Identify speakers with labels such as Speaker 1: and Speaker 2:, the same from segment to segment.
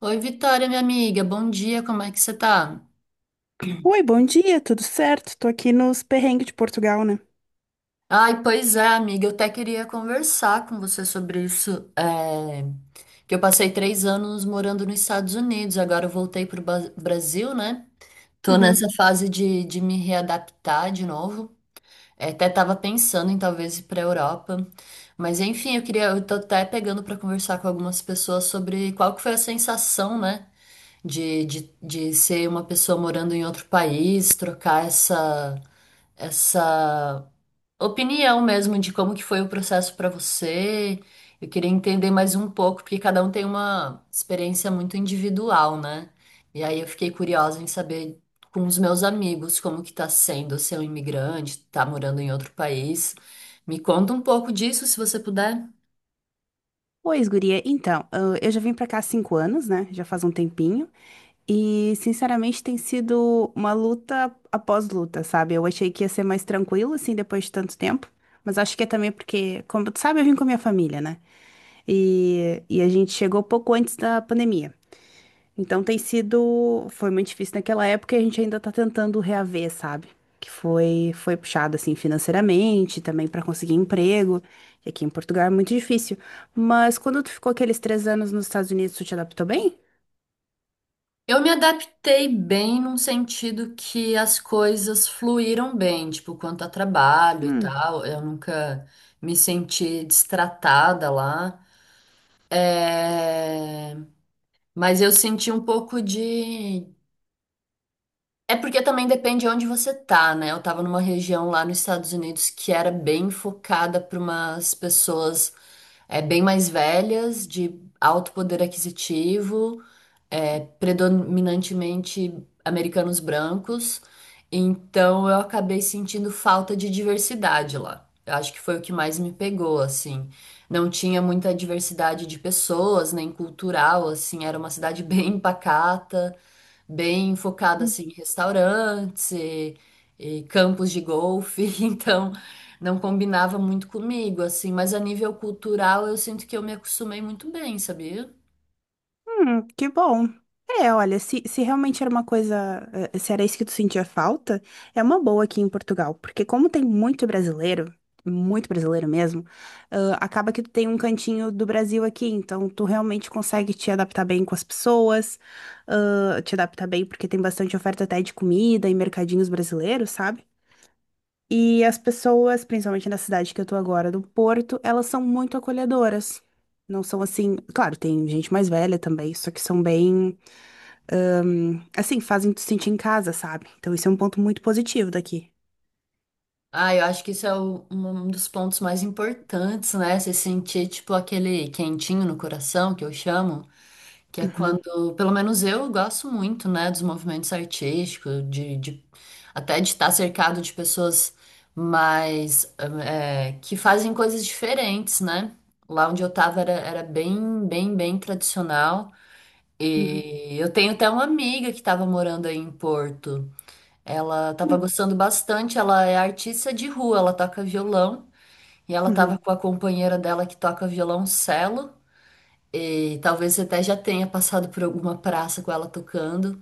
Speaker 1: Oi, Vitória, minha amiga, bom dia, como é que você tá?
Speaker 2: Oi, bom dia, tudo certo? Tô aqui nos perrengues de Portugal, né?
Speaker 1: Ai, pois é, amiga, eu até queria conversar com você sobre isso. é, que eu passei 3 anos morando nos Estados Unidos, agora eu voltei pro Brasil, né? Tô
Speaker 2: Uhum.
Speaker 1: nessa fase de me readaptar de novo. É, até tava pensando em talvez ir pra Europa. Mas enfim, eu queria, eu tô até pegando pra conversar com algumas pessoas sobre qual que foi a sensação, né? De ser uma pessoa morando em outro país, trocar essa opinião mesmo de como que foi o processo para você. Eu queria entender mais um pouco, porque cada um tem uma experiência muito individual, né? E aí eu fiquei curiosa em saber com os meus amigos como que tá sendo ser um imigrante, tá morando em outro país. Me conta um pouco disso, se você puder.
Speaker 2: Pois, guria, então, eu já vim pra cá há 5 anos, né? Já faz um tempinho. E, sinceramente, tem sido uma luta após luta, sabe? Eu achei que ia ser mais tranquilo, assim, depois de tanto tempo. Mas acho que é também porque, como tu sabe, eu vim com a minha família, né? E a gente chegou pouco antes da pandemia. Então tem sido, foi muito difícil naquela época e a gente ainda tá tentando reaver, sabe? Que foi puxado assim financeiramente, também para conseguir emprego. E aqui em Portugal é muito difícil. Mas quando tu ficou aqueles 3 anos nos Estados Unidos, tu te adaptou bem?
Speaker 1: Eu me adaptei bem num sentido que as coisas fluíram bem, tipo, quanto a trabalho e
Speaker 2: Hum.
Speaker 1: tal. Eu nunca me senti destratada lá. É, mas eu senti um pouco de. É porque também depende de onde você tá, né? Eu tava numa região lá nos Estados Unidos que era bem focada para umas pessoas bem mais velhas, de alto poder aquisitivo, predominantemente americanos brancos, então eu acabei sentindo falta de diversidade lá. Eu acho que foi o que mais me pegou, assim. Não tinha muita diversidade de pessoas, nem cultural, assim. Era uma cidade bem pacata, bem focada, assim, em restaurantes e campos de golfe. Então, não combinava muito comigo, assim. Mas a nível cultural, eu sinto que eu me acostumei muito bem, sabia?
Speaker 2: Que bom. É, olha, se realmente era uma coisa, se era isso que tu sentia falta, é uma boa aqui em Portugal, porque como tem muito brasileiro mesmo, ah, acaba que tu tem um cantinho do Brasil aqui, então tu realmente consegue te adaptar bem com as pessoas, ah, te adaptar bem porque tem bastante oferta até de comida e mercadinhos brasileiros, sabe? E as pessoas, principalmente na cidade que eu tô agora, do Porto, elas são muito acolhedoras. Não são assim, claro, tem gente mais velha também, só que são bem, assim, fazem tu sentir em casa, sabe? Então isso é um ponto muito positivo daqui.
Speaker 1: Ah, eu acho que isso é um dos pontos mais importantes, né? Você sentir, tipo, aquele quentinho no coração, que eu chamo, que é
Speaker 2: Uhum,
Speaker 1: quando, pelo menos eu gosto muito, né, dos movimentos artísticos, de até de estar cercado de pessoas mais, que fazem coisas diferentes, né? Lá onde eu tava era bem tradicional.
Speaker 2: uhum,
Speaker 1: E eu tenho até uma amiga que estava morando aí em Porto. Ela estava
Speaker 2: uhum,
Speaker 1: gostando bastante, ela é artista de rua, ela toca violão e ela estava
Speaker 2: uhum,
Speaker 1: com a companheira dela que toca violoncelo e talvez até já tenha passado por alguma praça com ela tocando.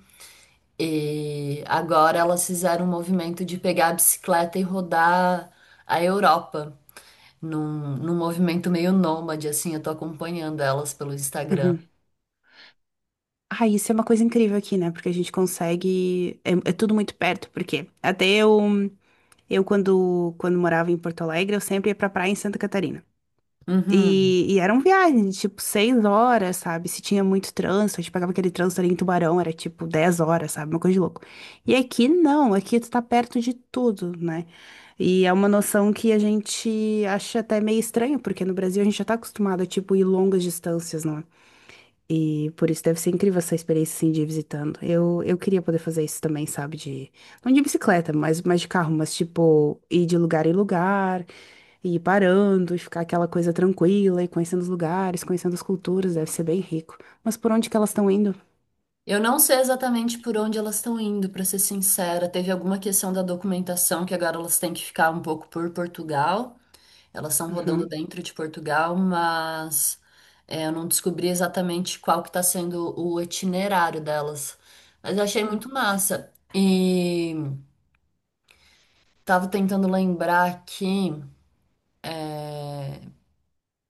Speaker 1: E agora elas fizeram um movimento de pegar a bicicleta e rodar a Europa num movimento meio nômade, assim, eu tô acompanhando elas pelo Instagram.
Speaker 2: uhum. Ah, isso é uma coisa incrível aqui, né? Porque a gente consegue, é, é tudo muito perto, porque até eu, eu quando morava em Porto Alegre, eu sempre ia pra praia em Santa Catarina.
Speaker 1: Uhum.
Speaker 2: E eram viagens, de, tipo, 6 horas, sabe? Se tinha muito trânsito, a gente pegava aquele trânsito ali em Tubarão, era tipo 10 horas, sabe? Uma coisa de louco. E aqui não, aqui tu tá perto de tudo, né? E é uma noção que a gente acha até meio estranho, porque no Brasil a gente já tá acostumado a, tipo, ir longas distâncias, não é? E por isso deve ser incrível essa experiência, assim, de ir visitando. Eu queria poder fazer isso também, sabe? De, não de bicicleta, mas, de carro, mas, tipo, ir de lugar em lugar. E ir parando, e ficar aquela coisa tranquila, e conhecendo os lugares, conhecendo as culturas, deve ser bem rico. Mas por onde que elas estão indo?
Speaker 1: Eu não sei exatamente por onde elas estão indo, para ser sincera. Teve alguma questão da documentação que agora elas têm que ficar um pouco por Portugal. Elas estão rodando
Speaker 2: Uhum,
Speaker 1: dentro de Portugal, mas eu não descobri exatamente qual que está sendo o itinerário delas. Mas eu achei
Speaker 2: uhum,
Speaker 1: muito massa. E tava tentando lembrar aqui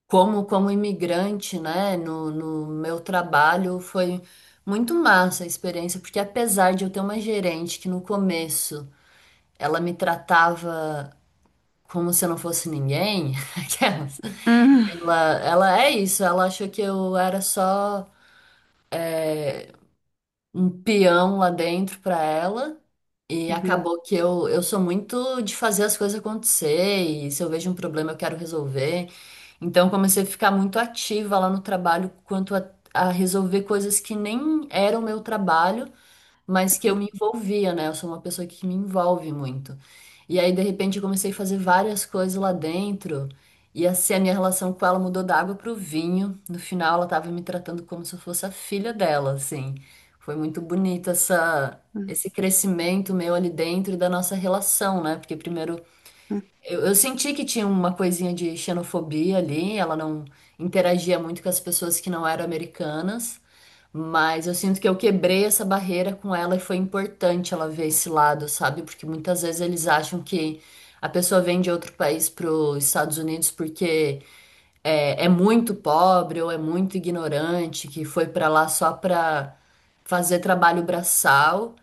Speaker 1: como, como imigrante, né, no meu trabalho foi muito massa a experiência, porque apesar de eu ter uma gerente que no começo ela me tratava como se eu não fosse ninguém. Aquelas.
Speaker 2: uhum,
Speaker 1: Ela, ela é isso, ela achou que eu era só um peão lá dentro pra ela. E
Speaker 2: uhum,
Speaker 1: acabou que eu sou muito de fazer as coisas acontecer, e se eu vejo um problema eu quero resolver. Então comecei a ficar muito ativa lá no trabalho quanto a resolver coisas que nem eram meu trabalho, mas que eu me envolvia, né? Eu sou uma pessoa que me envolve muito. E aí, de repente, eu comecei a fazer várias coisas lá dentro. E assim, a minha relação com ela mudou da água pro vinho. No final, ela tava me tratando como se eu fosse a filha dela, assim. Foi muito bonito essa,
Speaker 2: uhum,
Speaker 1: esse crescimento meu ali dentro e da nossa relação, né? Porque primeiro,
Speaker 2: uhum.
Speaker 1: eu senti que tinha uma coisinha de xenofobia ali. Ela não interagia muito com as pessoas que não eram americanas. Mas eu sinto que eu quebrei essa barreira com ela e foi importante ela ver esse lado, sabe? Porque muitas vezes eles acham que a pessoa vem de outro país para os Estados Unidos porque é muito pobre ou é muito ignorante, que foi para lá só para fazer trabalho braçal.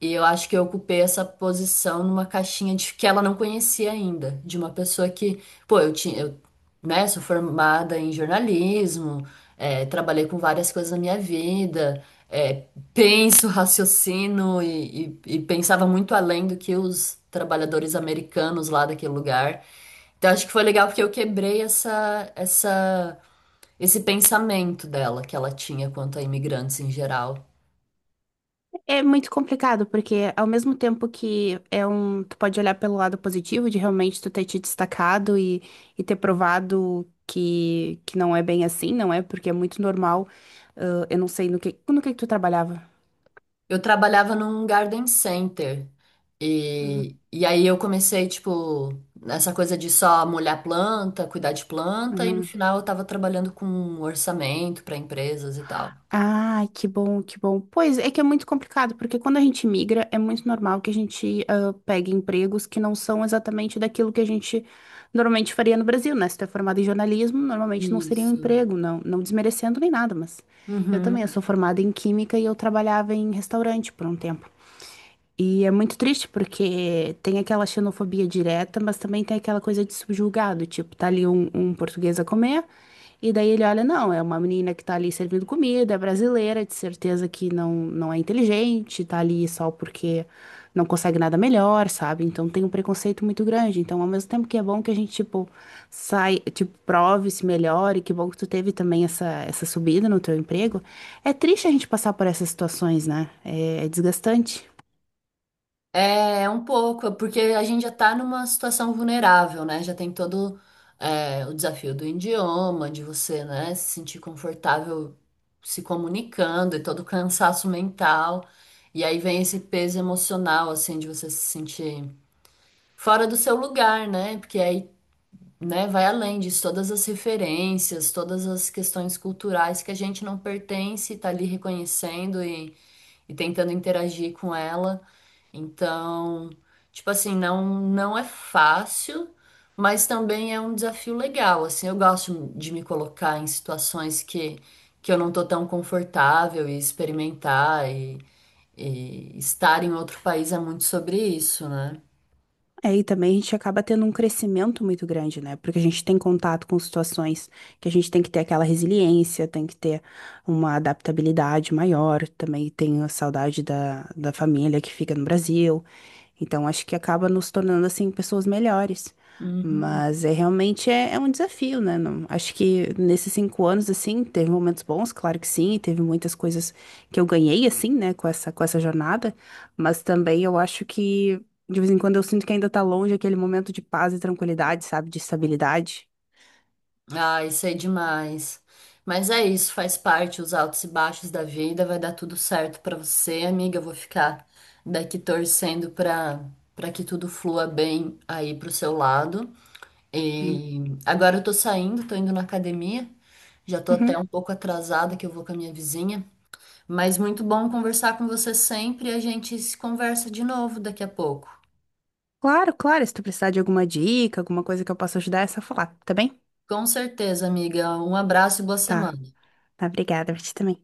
Speaker 1: E eu acho que eu ocupei essa posição numa caixinha de que ela não conhecia ainda, de uma pessoa que, pô, eu tinha, eu, né, sou formada em jornalismo, trabalhei com várias coisas na minha vida, penso, raciocino e pensava muito além do que os trabalhadores americanos lá daquele lugar. Então acho que foi legal porque eu quebrei essa, esse pensamento dela que ela tinha quanto a imigrantes em geral.
Speaker 2: É muito complicado, porque ao mesmo tempo que é um, tu pode olhar pelo lado positivo de realmente tu ter te destacado e ter provado que não é bem assim, não é? Porque é muito normal. Ah, eu não sei no que tu trabalhava.
Speaker 1: Eu trabalhava num garden center.
Speaker 2: Uhum,
Speaker 1: E aí eu comecei, tipo, nessa coisa de só molhar planta, cuidar de planta, e no
Speaker 2: uhum.
Speaker 1: final eu tava trabalhando com orçamento para empresas e tal.
Speaker 2: Ai, que bom, que bom. Pois é que é muito complicado, porque quando a gente migra, é muito normal que a gente ah, pegue empregos que não são exatamente daquilo que a gente normalmente faria no Brasil, né? Se tu é formado em jornalismo, normalmente não seria um
Speaker 1: Isso.
Speaker 2: emprego, não, não desmerecendo nem nada, mas eu também, eu
Speaker 1: Uhum.
Speaker 2: sou formada em química e eu trabalhava em restaurante por um tempo. E é muito triste porque tem aquela xenofobia direta, mas também tem aquela coisa de subjugado, tipo, tá ali um, português a comer, e daí ele olha, não, é uma menina que tá ali servindo comida, é brasileira, de certeza que não, não é inteligente, tá ali só porque não consegue nada melhor, sabe? Então tem um preconceito muito grande. Então, ao mesmo tempo que é bom que a gente, tipo, sai, tipo, prove, se melhore, que bom que tu teve também essa, subida no teu emprego, é triste a gente passar por essas situações, né? É desgastante.
Speaker 1: É, um pouco, porque a gente já está numa situação vulnerável, né? Já tem todo, o desafio do idioma, de você, né, se sentir confortável se comunicando e todo o cansaço mental. E aí vem esse peso emocional, assim, de você se sentir fora do seu lugar, né? Porque aí, né, vai além disso, todas as referências, todas as questões culturais que a gente não pertence, tá ali reconhecendo e tentando interagir com ela. Então, tipo assim, não é fácil, mas também é um desafio legal. Assim, eu gosto de me colocar em situações que eu não tô tão confortável e experimentar e estar em outro país é muito sobre isso, né?
Speaker 2: É, e também a gente acaba tendo um crescimento muito grande, né? Porque a gente tem contato com situações que a gente tem que ter aquela resiliência, tem que ter uma adaptabilidade maior. Também tem a saudade da família que fica no Brasil. Então, acho que acaba nos tornando, assim, pessoas melhores.
Speaker 1: Uhum.
Speaker 2: Mas é realmente é, é um desafio, né? Não- acho que nesses 5 anos, assim, teve momentos bons, claro que sim, e teve muitas coisas que eu ganhei, assim, né, com essa, jornada. Mas também eu acho que. De vez em quando eu sinto que ainda tá longe aquele momento de paz e tranquilidade, sabe? De estabilidade.
Speaker 1: Ah, isso é demais. Mas é isso, faz parte, os altos e baixos da vida. Vai dar tudo certo pra você, amiga. Eu vou ficar daqui torcendo pra para que tudo flua bem aí pro seu lado.
Speaker 2: Hum.
Speaker 1: E agora eu tô saindo, tô indo na academia. Já tô até
Speaker 2: Uhum.
Speaker 1: um pouco atrasada que eu vou com a minha vizinha, mas muito bom conversar com você sempre. A gente se conversa de novo daqui a pouco.
Speaker 2: Claro, claro. Se tu precisar de alguma dica, alguma coisa que eu possa ajudar, é só falar, tá bem?
Speaker 1: Com certeza, amiga. Um abraço e boa
Speaker 2: Tá.
Speaker 1: semana.
Speaker 2: Tá, obrigada. Pra ti também.